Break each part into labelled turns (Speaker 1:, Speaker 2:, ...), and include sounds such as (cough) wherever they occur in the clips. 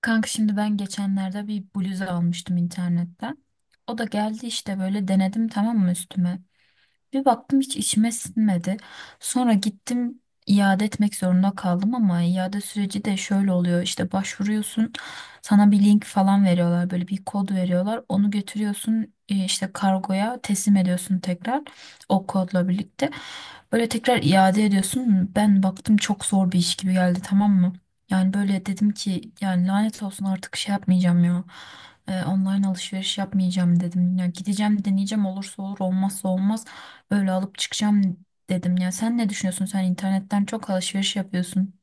Speaker 1: Kanka şimdi ben geçenlerde bir bluz almıştım internetten. O da geldi işte böyle denedim tamam mı üstüme. Bir baktım hiç içime sinmedi. Sonra gittim iade etmek zorunda kaldım ama iade süreci de şöyle oluyor. İşte başvuruyorsun, sana bir link falan veriyorlar, böyle bir kod veriyorlar. Onu götürüyorsun işte kargoya teslim ediyorsun tekrar o kodla birlikte. Böyle tekrar iade ediyorsun. Ben baktım çok zor bir iş gibi geldi, tamam mı? Yani böyle dedim ki yani lanet olsun artık şey yapmayacağım ya. Online alışveriş yapmayacağım dedim. Ya gideceğim deneyeceğim, olursa olur olmazsa olmaz, öyle alıp çıkacağım dedim ya. Sen ne düşünüyorsun? Sen internetten çok alışveriş yapıyorsun.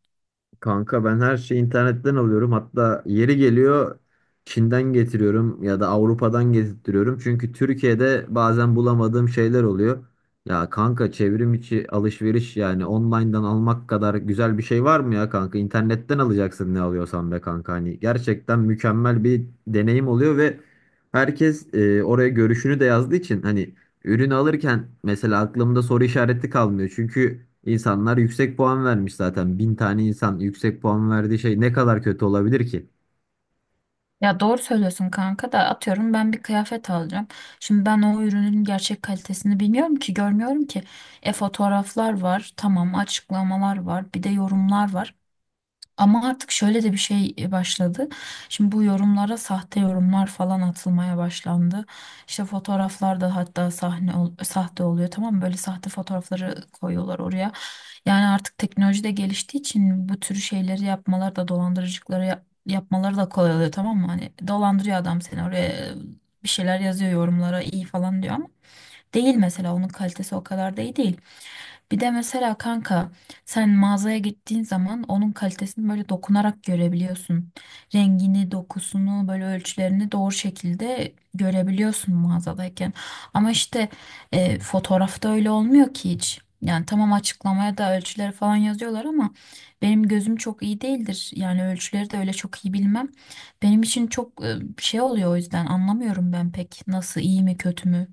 Speaker 2: Kanka ben her şeyi internetten alıyorum. Hatta yeri geliyor Çin'den getiriyorum ya da Avrupa'dan getirtiyorum. Çünkü Türkiye'de bazen bulamadığım şeyler oluyor. Ya kanka çevrim içi alışveriş yani online'dan almak kadar güzel bir şey var mı ya kanka? İnternetten alacaksın ne alıyorsan be kanka. Hani gerçekten mükemmel bir deneyim oluyor ve herkes oraya görüşünü de yazdığı için hani ürün alırken mesela aklımda soru işareti kalmıyor. Çünkü insanlar yüksek puan vermiş zaten. Bin tane insan yüksek puan verdiği şey ne kadar kötü olabilir ki?
Speaker 1: Ya doğru söylüyorsun kanka da atıyorum ben bir kıyafet alacağım. Şimdi ben o ürünün gerçek kalitesini bilmiyorum ki, görmüyorum ki. E fotoğraflar var, tamam, açıklamalar var, bir de yorumlar var. Ama artık şöyle de bir şey başladı. Şimdi bu yorumlara sahte yorumlar falan atılmaya başlandı. İşte fotoğraflarda hatta sahte oluyor, tamam mı? Böyle sahte fotoğrafları koyuyorlar oraya. Yani artık teknoloji de geliştiği için bu tür şeyleri yapmalar da yapmaları da kolay oluyor, tamam mı? Hani dolandırıyor adam seni, oraya bir şeyler yazıyor yorumlara, iyi falan diyor ama değil, mesela onun kalitesi o kadar da iyi değil. Bir de mesela kanka sen mağazaya gittiğin zaman onun kalitesini böyle dokunarak görebiliyorsun. Rengini, dokusunu, böyle ölçülerini doğru şekilde görebiliyorsun mağazadayken. Ama işte fotoğrafta öyle olmuyor ki hiç. Yani tamam, açıklamaya da ölçüleri falan yazıyorlar ama benim gözüm çok iyi değildir. Yani ölçüleri de öyle çok iyi bilmem. Benim için çok şey oluyor, o yüzden anlamıyorum ben pek nasıl, iyi mi kötü mü.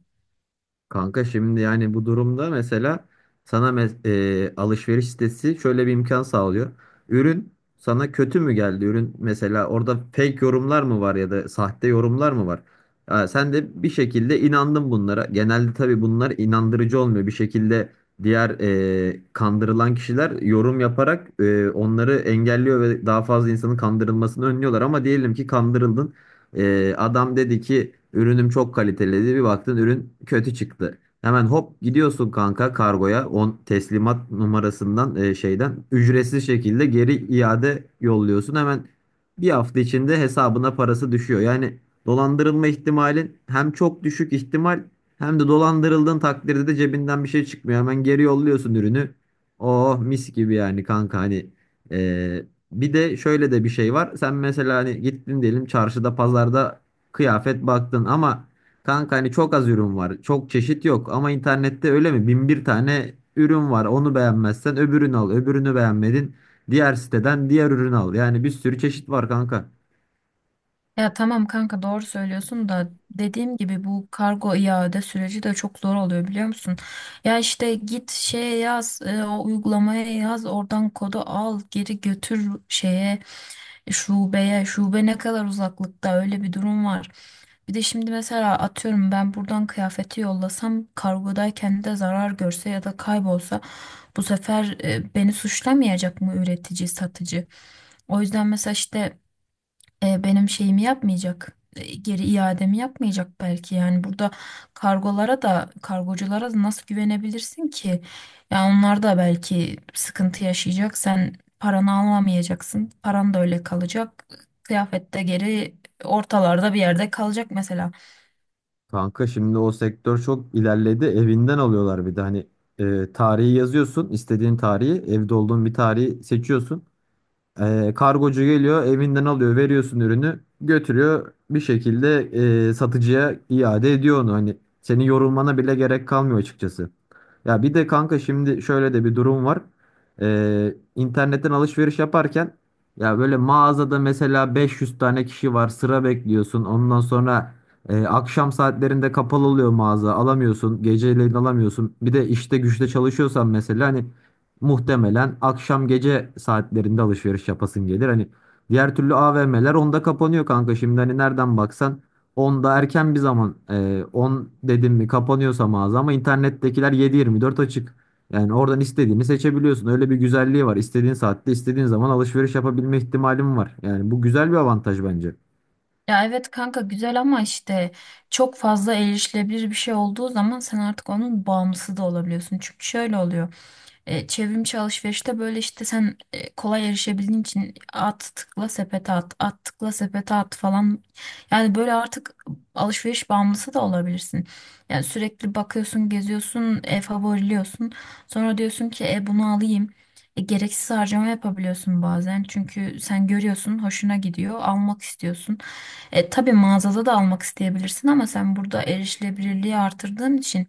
Speaker 2: Kanka şimdi yani bu durumda mesela sana alışveriş sitesi şöyle bir imkan sağlıyor. Ürün sana kötü mü geldi? Ürün mesela orada fake yorumlar mı var ya da sahte yorumlar mı var? Ha, sen de bir şekilde inandın bunlara. Genelde tabii bunlar inandırıcı olmuyor. Bir şekilde diğer kandırılan kişiler yorum yaparak onları engelliyor ve daha fazla insanın kandırılmasını önlüyorlar. Ama diyelim ki kandırıldın. Adam dedi ki ürünüm çok kaliteli dedi. Bir baktın ürün kötü çıktı. Hemen hop gidiyorsun kanka kargoya on teslimat numarasından şeyden ücretsiz şekilde geri iade yolluyorsun. Hemen bir hafta içinde hesabına parası düşüyor. Yani dolandırılma ihtimalin hem çok düşük ihtimal hem de dolandırıldığın takdirde de cebinden bir şey çıkmıyor. Hemen geri yolluyorsun ürünü. Oh mis gibi yani kanka hani bir de şöyle de bir şey var. Sen mesela hani gittin diyelim çarşıda, pazarda kıyafet baktın ama kanka hani çok az ürün var. Çok çeşit yok ama internette öyle mi? Bin bir tane ürün var. Onu beğenmezsen öbürünü al. Öbürünü beğenmedin. Diğer siteden diğer ürün al. Yani bir sürü çeşit var kanka.
Speaker 1: Ya tamam kanka doğru söylüyorsun da dediğim gibi bu kargo iade süreci de çok zor oluyor, biliyor musun? Ya işte git şeye yaz, o uygulamaya yaz, oradan kodu al, geri götür şeye, şubeye. Şube ne kadar uzaklıkta, öyle bir durum var. Bir de şimdi mesela atıyorum ben buradan kıyafeti yollasam kargodayken de zarar görse ya da kaybolsa, bu sefer beni suçlamayacak mı üretici, satıcı? O yüzden mesela işte benim şeyimi yapmayacak. Geri iademi yapmayacak belki. Yani burada kargolara da kargoculara da nasıl güvenebilirsin ki? Ya onlar da belki sıkıntı yaşayacak. Sen paranı alamayacaksın. Paran da öyle kalacak. Kıyafet de geri ortalarda bir yerde kalacak mesela.
Speaker 2: Kanka şimdi o sektör çok ilerledi. Evinden alıyorlar bir de hani tarihi yazıyorsun. İstediğin tarihi, evde olduğun bir tarihi seçiyorsun. Kargocu geliyor, evinden alıyor, veriyorsun ürünü, götürüyor bir şekilde satıcıya iade ediyor onu. Hani senin yorulmana bile gerek kalmıyor açıkçası. Ya bir de kanka şimdi şöyle de bir durum var. İnternetten alışveriş yaparken ya böyle mağazada mesela 500 tane kişi var, sıra bekliyorsun. Ondan sonra akşam saatlerinde kapalı oluyor mağaza, alamıyorsun, geceleyin alamıyorsun. Bir de işte güçte çalışıyorsan mesela hani muhtemelen akşam gece saatlerinde alışveriş yapasın gelir. Hani diğer türlü AVM'ler onda kapanıyor kanka. Şimdi hani nereden baksan onda erken bir zaman 10 dedim mi kapanıyorsa mağaza ama internettekiler 7-24 açık. Yani oradan istediğini seçebiliyorsun. Öyle bir güzelliği var. İstediğin saatte istediğin zaman alışveriş yapabilme ihtimalim var. Yani bu güzel bir avantaj bence.
Speaker 1: Ya evet kanka güzel ama işte çok fazla erişilebilir bir şey olduğu zaman sen artık onun bağımlısı da olabiliyorsun. Çünkü şöyle oluyor. Çevrimiçi alışverişte böyle işte sen kolay erişebildiğin için at tıkla sepete at, at tıkla sepete at falan. Yani böyle artık alışveriş bağımlısı da olabilirsin. Yani sürekli bakıyorsun, geziyorsun, favoriliyorsun. Sonra diyorsun ki e bunu alayım. Gereksiz harcama yapabiliyorsun bazen. Çünkü sen görüyorsun, hoşuna gidiyor, almak istiyorsun. Tabii mağazada da almak isteyebilirsin ama sen burada erişilebilirliği artırdığın için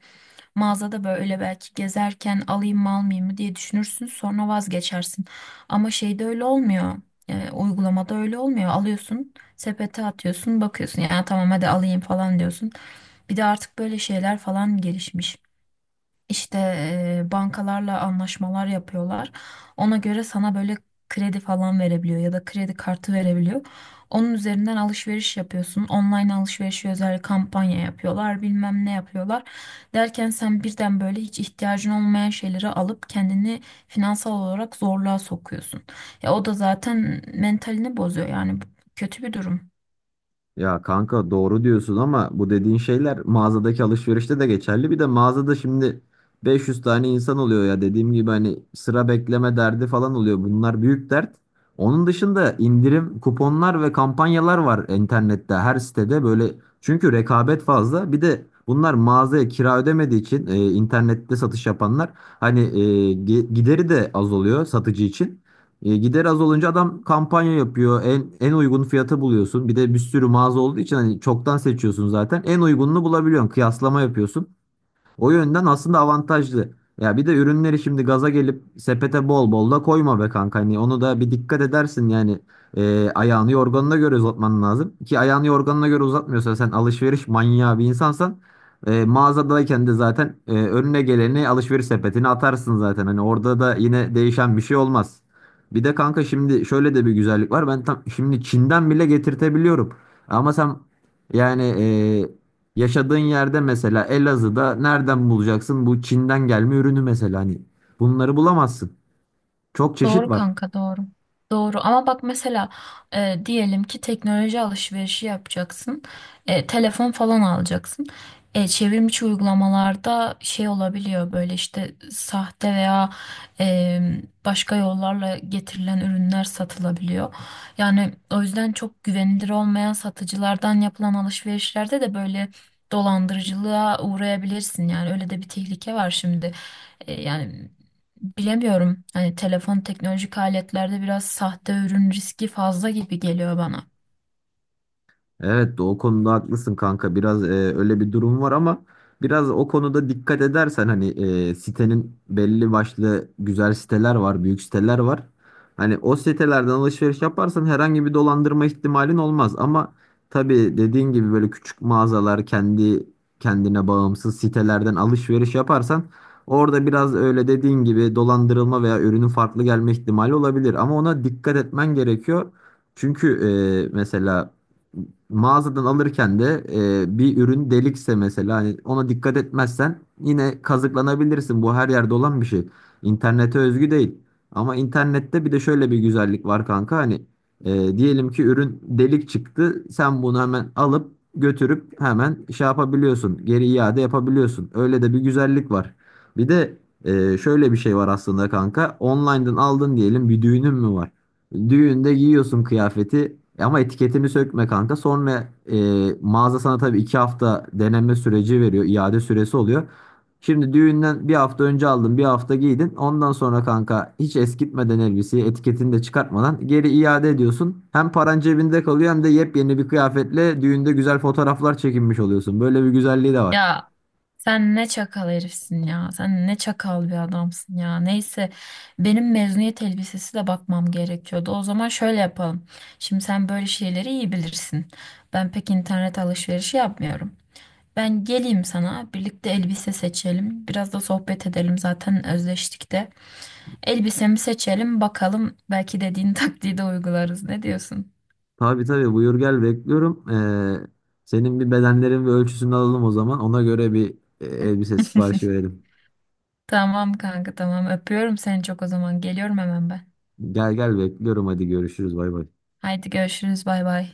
Speaker 1: mağazada böyle belki gezerken alayım mı almayayım mı diye düşünürsün sonra vazgeçersin. Ama şeyde öyle olmuyor. Uygulamada öyle olmuyor. Alıyorsun, sepete atıyorsun, bakıyorsun. Yani tamam hadi alayım falan diyorsun. Bir de artık böyle şeyler falan gelişmiş. İşte bankalarla anlaşmalar yapıyorlar. Ona göre sana böyle kredi falan verebiliyor ya da kredi kartı verebiliyor. Onun üzerinden alışveriş yapıyorsun. Online alışverişi özel kampanya yapıyorlar, bilmem ne yapıyorlar. Derken sen birden böyle hiç ihtiyacın olmayan şeyleri alıp kendini finansal olarak zorluğa sokuyorsun. Ya o da zaten mentalini bozuyor, yani bu kötü bir durum.
Speaker 2: Ya kanka doğru diyorsun ama bu dediğin şeyler mağazadaki alışverişte de geçerli. Bir de mağazada şimdi 500 tane insan oluyor ya dediğim gibi hani sıra bekleme derdi falan oluyor. Bunlar büyük dert. Onun dışında indirim, kuponlar ve kampanyalar var internette her sitede böyle. Çünkü rekabet fazla. Bir de bunlar mağazaya kira ödemediği için internette satış yapanlar hani gideri de az oluyor satıcı için. E, gider az olunca adam kampanya yapıyor. En uygun fiyata buluyorsun. Bir de bir sürü mağaza olduğu için hani çoktan seçiyorsun zaten. En uygununu bulabiliyorsun. Kıyaslama yapıyorsun. O yönden aslında avantajlı. Ya bir de ürünleri şimdi gaza gelip sepete bol bol da koyma be kanka. Hani onu da bir dikkat edersin yani. Ayağını yorganına göre uzatman lazım. Ki ayağını yorganına göre uzatmıyorsan sen alışveriş manyağı bir insansan mağazadayken de zaten önüne geleni alışveriş sepetine atarsın zaten. Hani orada da yine değişen bir şey olmaz. Bir de kanka şimdi şöyle de bir güzellik var. Ben tam şimdi Çin'den bile getirtebiliyorum. Ama sen yani e, yaşadığın yerde mesela Elazığ'da nereden bulacaksın bu Çin'den gelme ürünü mesela hani bunları bulamazsın. Çok çeşit
Speaker 1: Doğru
Speaker 2: var.
Speaker 1: kanka doğru. Doğru ama bak mesela diyelim ki teknoloji alışverişi yapacaksın. Telefon falan alacaksın. Çevrimiçi uygulamalarda şey olabiliyor, böyle işte sahte veya e, başka yollarla getirilen ürünler satılabiliyor. Yani o yüzden çok güvenilir olmayan satıcılardan yapılan alışverişlerde de böyle dolandırıcılığa uğrayabilirsin. Yani öyle de bir tehlike var şimdi. E, yani Bilemiyorum. Hani telefon, teknolojik aletlerde biraz sahte ürün riski fazla gibi geliyor bana.
Speaker 2: Evet o konuda haklısın kanka. Biraz öyle bir durum var ama biraz o konuda dikkat edersen hani sitenin belli başlı güzel siteler var, büyük siteler var. Hani o sitelerden alışveriş yaparsan herhangi bir dolandırma ihtimalin olmaz ama tabii dediğin gibi böyle küçük mağazalar, kendi kendine bağımsız sitelerden alışveriş yaparsan orada biraz öyle dediğin gibi dolandırılma veya ürünün farklı gelme ihtimali olabilir ama ona dikkat etmen gerekiyor. Çünkü mesela mağazadan alırken de bir ürün delikse mesela hani ona dikkat etmezsen yine kazıklanabilirsin. Bu her yerde olan bir şey. İnternete özgü değil. Ama internette bir de şöyle bir güzellik var kanka hani diyelim ki ürün delik çıktı. Sen bunu hemen alıp götürüp hemen şey yapabiliyorsun. Geri iade yapabiliyorsun. Öyle de bir güzellik var. Bir de şöyle bir şey var aslında kanka. Online'dan aldın diyelim bir düğünün mü var? Düğünde giyiyorsun kıyafeti ama etiketini sökme kanka. Sonra mağaza sana tabii 2 hafta deneme süreci veriyor. İade süresi oluyor. Şimdi düğünden bir hafta önce aldın bir hafta giydin. Ondan sonra kanka hiç eskitmeden elbiseyi etiketini de çıkartmadan geri iade ediyorsun. Hem paran cebinde kalıyor hem de yepyeni bir kıyafetle düğünde güzel fotoğraflar çekinmiş oluyorsun. Böyle bir güzelliği de var.
Speaker 1: Ya sen ne çakal herifsin ya. Sen ne çakal bir adamsın ya. Neyse benim mezuniyet elbisesi de bakmam gerekiyordu. O zaman şöyle yapalım. Şimdi sen böyle şeyleri iyi bilirsin. Ben pek internet alışverişi yapmıyorum. Ben geleyim sana, birlikte elbise seçelim. Biraz da sohbet edelim, zaten özleştik de. Elbisemi seçelim bakalım, belki dediğin (laughs) taktiği de uygularız. Ne diyorsun?
Speaker 2: Tabii tabii buyur gel bekliyorum. Senin bir bedenlerin ve ölçüsünü alalım o zaman. Ona göre bir elbise siparişi
Speaker 1: (laughs)
Speaker 2: verelim.
Speaker 1: Tamam kanka tamam, öpüyorum seni çok o zaman. Geliyorum hemen ben.
Speaker 2: Gel gel bekliyorum, hadi görüşürüz, bay bay.
Speaker 1: Haydi görüşürüz, bay bay.